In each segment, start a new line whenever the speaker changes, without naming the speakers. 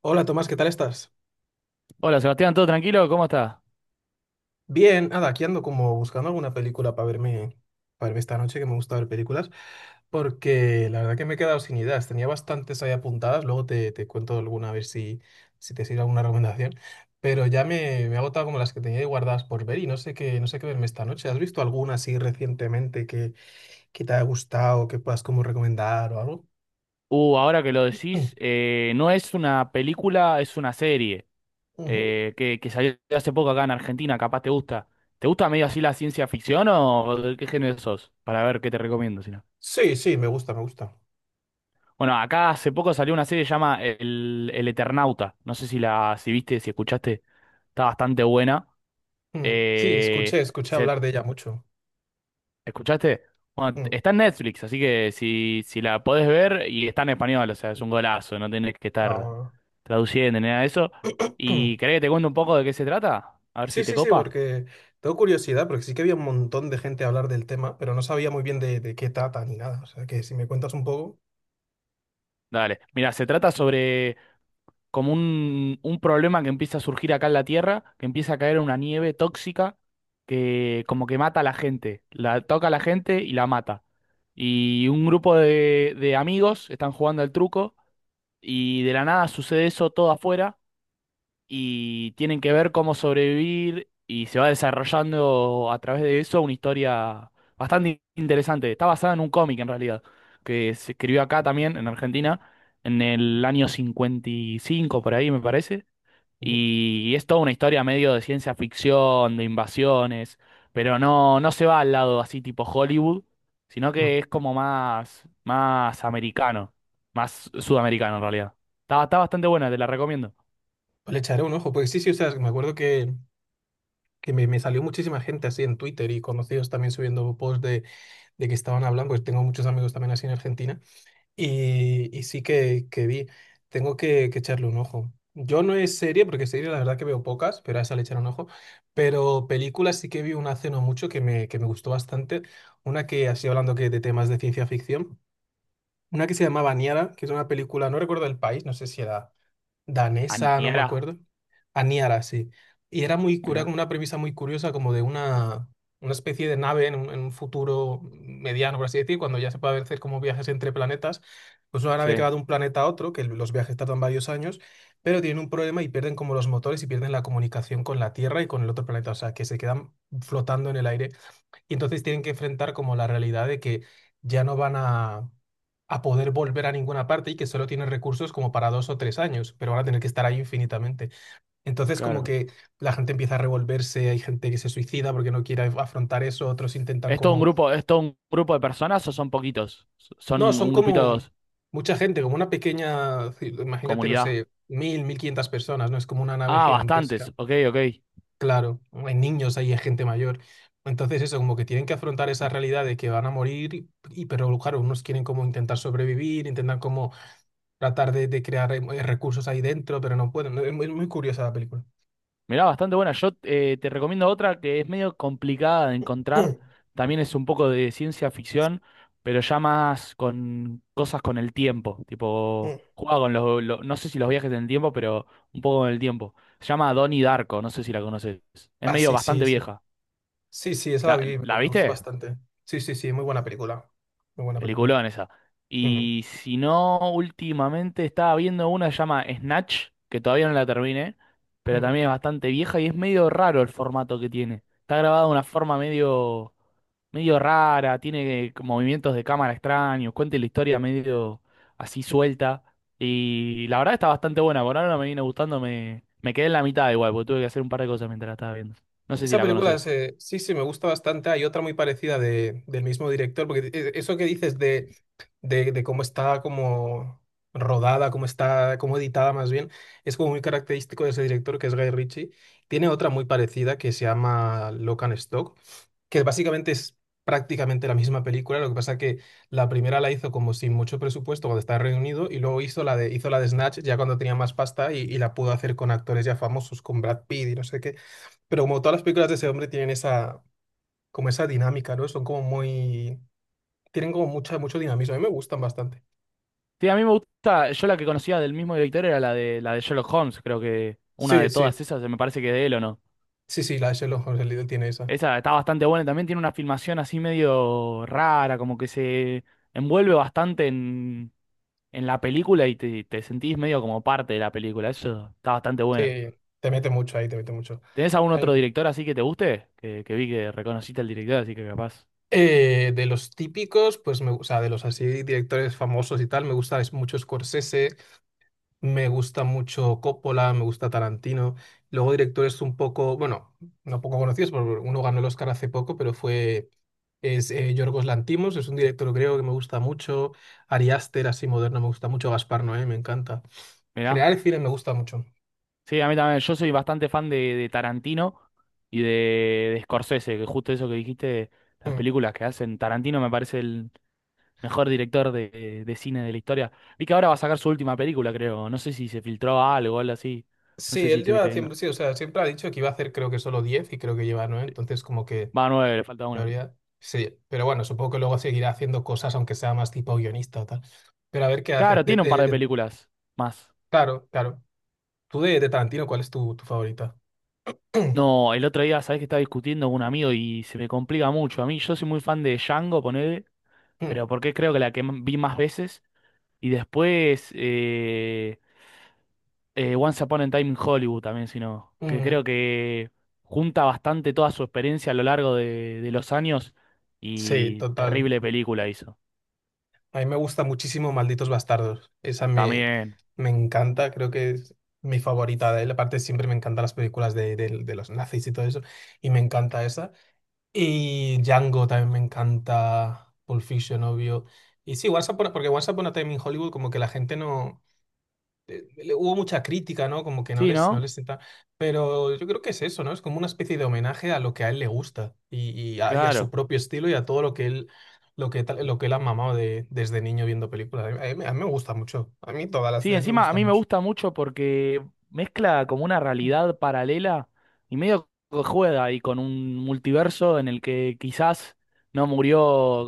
Hola Tomás, ¿qué tal estás?
Hola Sebastián, ¿todo tranquilo? ¿Cómo estás?
Bien, nada, aquí ando como buscando alguna película para verme esta noche, que me gusta ver películas, porque la verdad que me he quedado sin ideas. Tenía bastantes ahí apuntadas, luego te cuento alguna a ver si te sirve alguna recomendación, pero ya me he agotado como las que tenía ahí guardadas por ver y no sé qué verme esta noche. ¿Has visto alguna así recientemente que te haya gustado, que puedas como recomendar o algo?
Ahora que lo
Mm,
decís, no es una película, es una serie
ujú.
que salió hace poco acá en Argentina, capaz te gusta. ¿Te gusta medio así la ciencia ficción o de qué género sos? Para ver qué te recomiendo, si no.
Sí, sí, me gusta, me gusta.
Bueno, acá hace poco salió una serie que se llama El Eternauta. No sé si viste, si escuchaste, está bastante buena.
Mm, sí,
Eh,
escuché
se
hablar de ella mucho.
¿Escuchaste? Bueno,
Mm,
está en Netflix, así que si la podés ver y está en español, o sea, es un golazo, no tenés que estar
ahora-
traduciendo ni nada de eso. ¿Y querés que te cuente un poco de qué se trata? A ver si
Sí,
te
sí, sí,
copa.
porque tengo curiosidad, porque sí que había un montón de gente a hablar del tema, pero no sabía muy bien de qué trata ni nada. O sea, que si me cuentas un poco,
Dale. Mira, se trata sobre como un problema que empieza a surgir acá en la Tierra, que empieza a caer una nieve tóxica que como que mata a la gente, la toca a la gente y la mata. Y un grupo de amigos están jugando al truco y de la nada sucede eso todo afuera y tienen que ver cómo sobrevivir y se va desarrollando a través de eso una historia bastante interesante. Está basada en un cómic en realidad, que se escribió acá también en Argentina en el año 55 por ahí me parece,
uh,
y es toda una historia medio de ciencia ficción, de invasiones, pero no se va al lado así tipo Hollywood, sino
mm,
que es como más americano, más sudamericano en realidad. Está bastante buena, te la recomiendo.
pues le echaré un ojo. Porque sí, sí, o sea, me acuerdo que me salió muchísima gente así en Twitter y conocidos también subiendo posts de que estaban hablando, pues tengo muchos amigos también así en Argentina. Y sí que vi, tengo que echarle un ojo. Yo no es serie, porque serie la verdad que veo pocas, pero a esa le echaré un ojo. Pero películas sí que vi una hace no mucho que me gustó bastante. Una que, así hablando que de temas de ciencia ficción, una que se llamaba Niara, que es una película, no recuerdo el país, no sé si era danesa, no me
Aniara.
acuerdo. Aniara, sí. Y era muy cura,
Mira,
una premisa muy curiosa, como de una especie de nave en un futuro mediano, por así decir, cuando ya se puede hacer como viajes entre planetas. Pues una
sí,
nave que va de un planeta a otro, que los viajes tardan varios años, pero tienen un problema y pierden como los motores y pierden la comunicación con la Tierra y con el otro planeta, o sea, que se quedan flotando en el aire. Y entonces tienen que enfrentar como la realidad de que ya no van a poder volver a ninguna parte y que solo tienen recursos como para 2 o 3 años, pero van a tener que estar ahí infinitamente. Entonces como
claro.
que la gente empieza a revolverse, hay gente que se suicida porque no quiere afrontar eso, otros intentan
¿Es todo un
como...
grupo, es todo un grupo de personas o son poquitos? Son
No, son
un grupito,
como mucha gente, como una pequeña, imagínate, no
comunidad.
sé, 1.500 personas, ¿no? Es como una nave
Ah,
gigantesca.
bastantes. Ok, ok.
Claro, hay niños, ahí, hay gente mayor. Entonces eso, como que tienen que afrontar esa realidad de que van a morir, pero claro, unos quieren como intentar sobrevivir, intentan como tratar de crear recursos ahí dentro, pero no pueden. Es muy, muy curiosa la película.
Mirá, bastante buena. Yo, te recomiendo otra que es medio complicada de encontrar. También es un poco de ciencia ficción, pero ya más con cosas con el tiempo.
Mm,
Tipo,
mm.
juega con los, no sé si los viajes en el tiempo, pero un poco con el tiempo. Se llama Donnie Darko, no sé si la conoces. Es
Ah,
medio
sí, sí,
bastante
sí.
vieja.
Sí, sí, esa la
¿La,
vi, me
¿La
me gustó
viste?
bastante. Sí, sí, sí, muy buena película. Muy buena película.
Peliculón esa.
Ujú.
Y si no, últimamente estaba viendo una que se llama Snatch, que todavía no la terminé, pero
Mm.
también es bastante vieja y es medio raro el formato que tiene. Está grabada de una forma medio rara, tiene movimientos de cámara extraños, cuenta la historia medio así suelta. Y la verdad está bastante buena, por ahora no me viene gustando, me quedé en la mitad igual, porque tuve que hacer un par de cosas mientras la estaba viendo. No sé si
Esa
la
película
conoces.
sí, sí, me gusta bastante. Hay otra muy parecida del mismo director, porque eso que dices de cómo está como rodada, cómo editada más bien, es como muy característico de ese director que es Guy Ritchie. Tiene otra muy parecida que se llama Lock and Stock, que básicamente es prácticamente la misma película, lo que pasa que la primera la hizo como sin mucho presupuesto cuando estaba reunido y luego hizo la de Snatch ya cuando tenía más pasta y la pudo hacer con actores ya famosos, con Brad Pitt y no sé qué. Pero como todas las películas de ese hombre tienen esa, como esa dinámica, ¿no? Son como muy, tienen como mucha, mucho dinamismo. A mí me gustan bastante.
Sí, a mí me gusta, yo la que conocía del mismo director era la de Sherlock Holmes, creo que una
Sí,
de
sí,
todas esas, me parece que de él o no.
sí, sí, la de Sherlock Holmes, el Lidl tiene esa.
Esa está bastante buena, también tiene una filmación así medio rara, como que se envuelve bastante en la película y te sentís medio como parte de la película, eso está bastante bueno.
Sí, te mete mucho ahí, te mete mucho.
¿Tenés algún otro
Ay,
director así que te guste? Que vi que reconociste al director, así que capaz.
de los típicos, pues o sea, de los así directores famosos y tal, me gusta es mucho Scorsese. Me gusta mucho Coppola, me gusta Tarantino. Luego directores un poco, bueno, no poco conocidos, porque uno ganó el Oscar hace poco, es Yorgos Lanthimos, es un director creo que me gusta mucho. Ari Aster, así moderno, me gusta mucho. Gaspar Noé, me encanta. En
Mirá.
general el cine me gusta mucho.
Sí, a mí también. Yo soy bastante fan de Tarantino y de, de Scorsese, que justo eso que dijiste, las
Mm.
películas que hacen. Tarantino me parece el mejor director de cine de la historia. Vi que ahora va a sacar su última película, creo. No sé si se filtró algo o algo así. No sé
Sí,
si
él
estuviste
lleva
viendo.
siempre, sí, o sea, siempre ha dicho que iba a hacer creo que solo 10 y creo que lleva 9 entonces como que, en
Va, nueve, le falta una.
teoría, sí, pero bueno, supongo que luego seguirá haciendo cosas aunque sea más tipo guionista o tal. Pero a ver qué hace.
Claro,
De-
tiene un par
de-
de
de-
películas más.
claro, claro. Tú de Tarantino, ¿cuál es tu favorita?
No, el otro día, sabés que estaba discutiendo con un amigo y se me complica mucho. A mí, yo soy muy fan de Django, ponele,
Mm,
pero porque creo que la que vi más veces. Y después, Once Upon a Time in Hollywood también, sino que
mm.
creo que junta bastante toda su experiencia a lo largo de los años
Sí,
y
total.
terrible película hizo.
A mí me gusta muchísimo Malditos Bastardos. Esa me,
También.
me encanta, creo que es mi favorita de él. Aparte, siempre me encantan las películas de los nazis y todo eso. Y me encanta esa. Y Django también me encanta. Pulp Fiction, obvio. Y sí, porque Once Upon a Time in Hollywood, como que la gente no. Hubo mucha crítica, ¿no? Como que no
Sí,
les, no
¿no?
les senta. Pero yo creo que es eso, ¿no? Es como una especie de homenaje a lo que a él le gusta y a su
Claro.
propio estilo y a todo lo que él, lo que él ha mamado desde niño viendo películas. A mí me gusta mucho. A mí todas las
Sí,
de él me
encima a
gustan
mí me
mucho.
gusta mucho porque mezcla como una realidad paralela y medio que juega ahí con un multiverso en el que quizás no murió,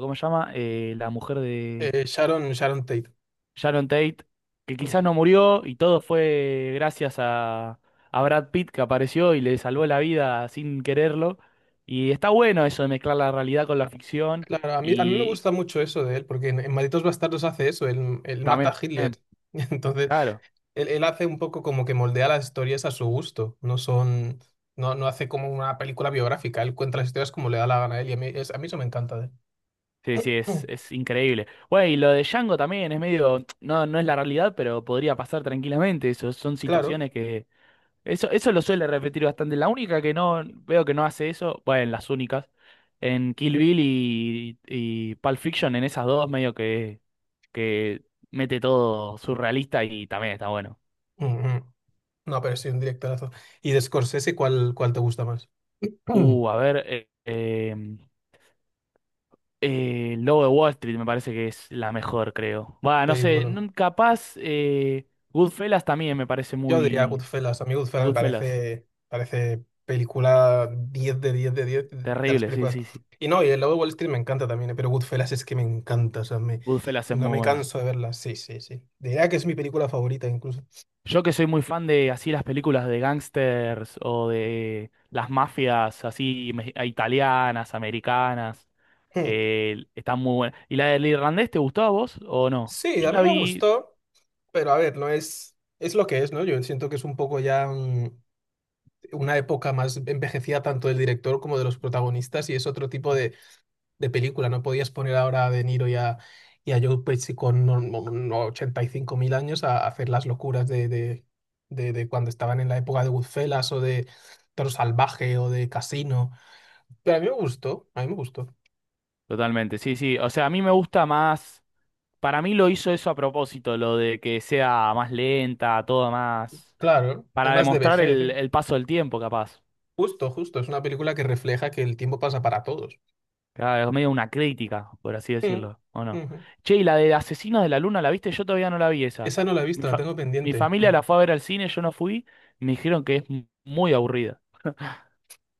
¿cómo se llama? La mujer de...
Sharon Tate.
Sharon Tate, que
Mm.
quizás no murió y todo fue gracias a Brad Pitt que apareció y le salvó la vida sin quererlo. Y está bueno eso de mezclar la realidad con la ficción
Claro, a mí me
y
gusta mucho eso de él, porque en Malditos Bastardos hace eso, él mata
también,
a Hitler. Entonces,
claro,
él hace un poco como que moldea las historias a su gusto. No son, no, no hace como una película biográfica. Él cuenta las historias como le da la gana a él y a mí, a mí eso me encanta de él.
sí, sí,
Mm,
es increíble. Bueno, y lo de Django también es medio, no, no es la realidad, pero podría pasar tranquilamente. Eso son
Claro.
situaciones que... Eso lo suele repetir bastante. La única que no veo que no hace eso, bueno, las únicas. En Kill Bill y Pulp Fiction, en esas dos, medio que mete todo surrealista y también está bueno.
Mm, mm. No, pero sí, un directorazo. ¿Y de Scorsese cuál, cuál te gusta más? Mm,
Uh, a ver, eh, em, El Lobo de Wall Street me parece que es la mejor, creo. Va, no sé,
Película.
capaz Goodfellas también me parece
Yo diría
muy...
Goodfellas. A mí Goodfellas me
Goodfellas,
parece, parece película 10 de 10 de 10 de las
terrible, sí,
películas.
sí, sí.
Y no, y el lado de Wall Street me encanta también, pero Goodfellas es que me encanta. O sea,
Goodfellas es
no
muy
me
buena.
canso de verla. Sí, sí, sí. Diría que es mi película favorita incluso.
Yo que soy muy fan de así las películas de gangsters o de las mafias así italianas, americanas.
Hmm.
Está muy buena. ¿Y la del irlandés te gustó a vos o no?
Sí,
Yo
a mí
la
me
vi
gustó, pero a ver, no es, es lo que es, ¿no? Yo siento que es un poco ya una época más envejecida tanto del director como de los protagonistas y es otro tipo de película. No podías poner ahora a De Niro y a Joe Pesci con no- no- no, 85.000 años a hacer las locuras de cuando estaban en la época de Goodfellas o de Toro Salvaje o de Casino. Pero a mí me gustó, a mí me gustó.
totalmente, sí, sí. O sea, a mí me gusta más. Para mí lo hizo eso a propósito, lo de que sea más lenta, todo más.
Claro, es
Para
más de
demostrar
vejez, ¿eh?
el paso del tiempo, capaz.
Justo, justo, es una película que refleja que el tiempo pasa para todos.
Claro, es medio una crítica, por así
Mm,
decirlo, ¿o no?
ujú.
Che, ¿y la de Asesinos de la Luna la viste? Yo todavía no la vi esa.
Esa no la he
Mi
visto, la
fa-
tengo
mi
pendiente.
familia
Mm.
la fue a ver al cine, yo no fui. Me dijeron que es muy aburrida.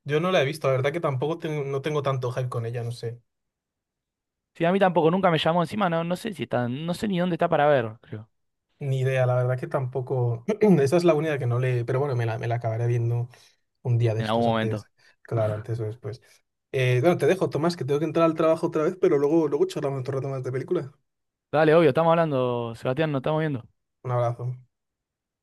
Yo no la he visto, la verdad que tampoco tengo, no tengo tanto hype con ella, no sé.
Sí, a mí tampoco, nunca me llamó encima, no, no sé si está, no sé ni dónde está para ver, creo.
Ni idea, la verdad que tampoco. Esa es la única que no le. Pero bueno, me la acabaré viendo un día de
En algún
estos
momento.
antes. Claro, antes o después. Bueno, te dejo, Tomás, que tengo que entrar al trabajo otra vez, pero luego, luego charlamos otro rato más de película.
Dale, obvio, estamos hablando, Sebastián, nos estamos viendo.
Un abrazo.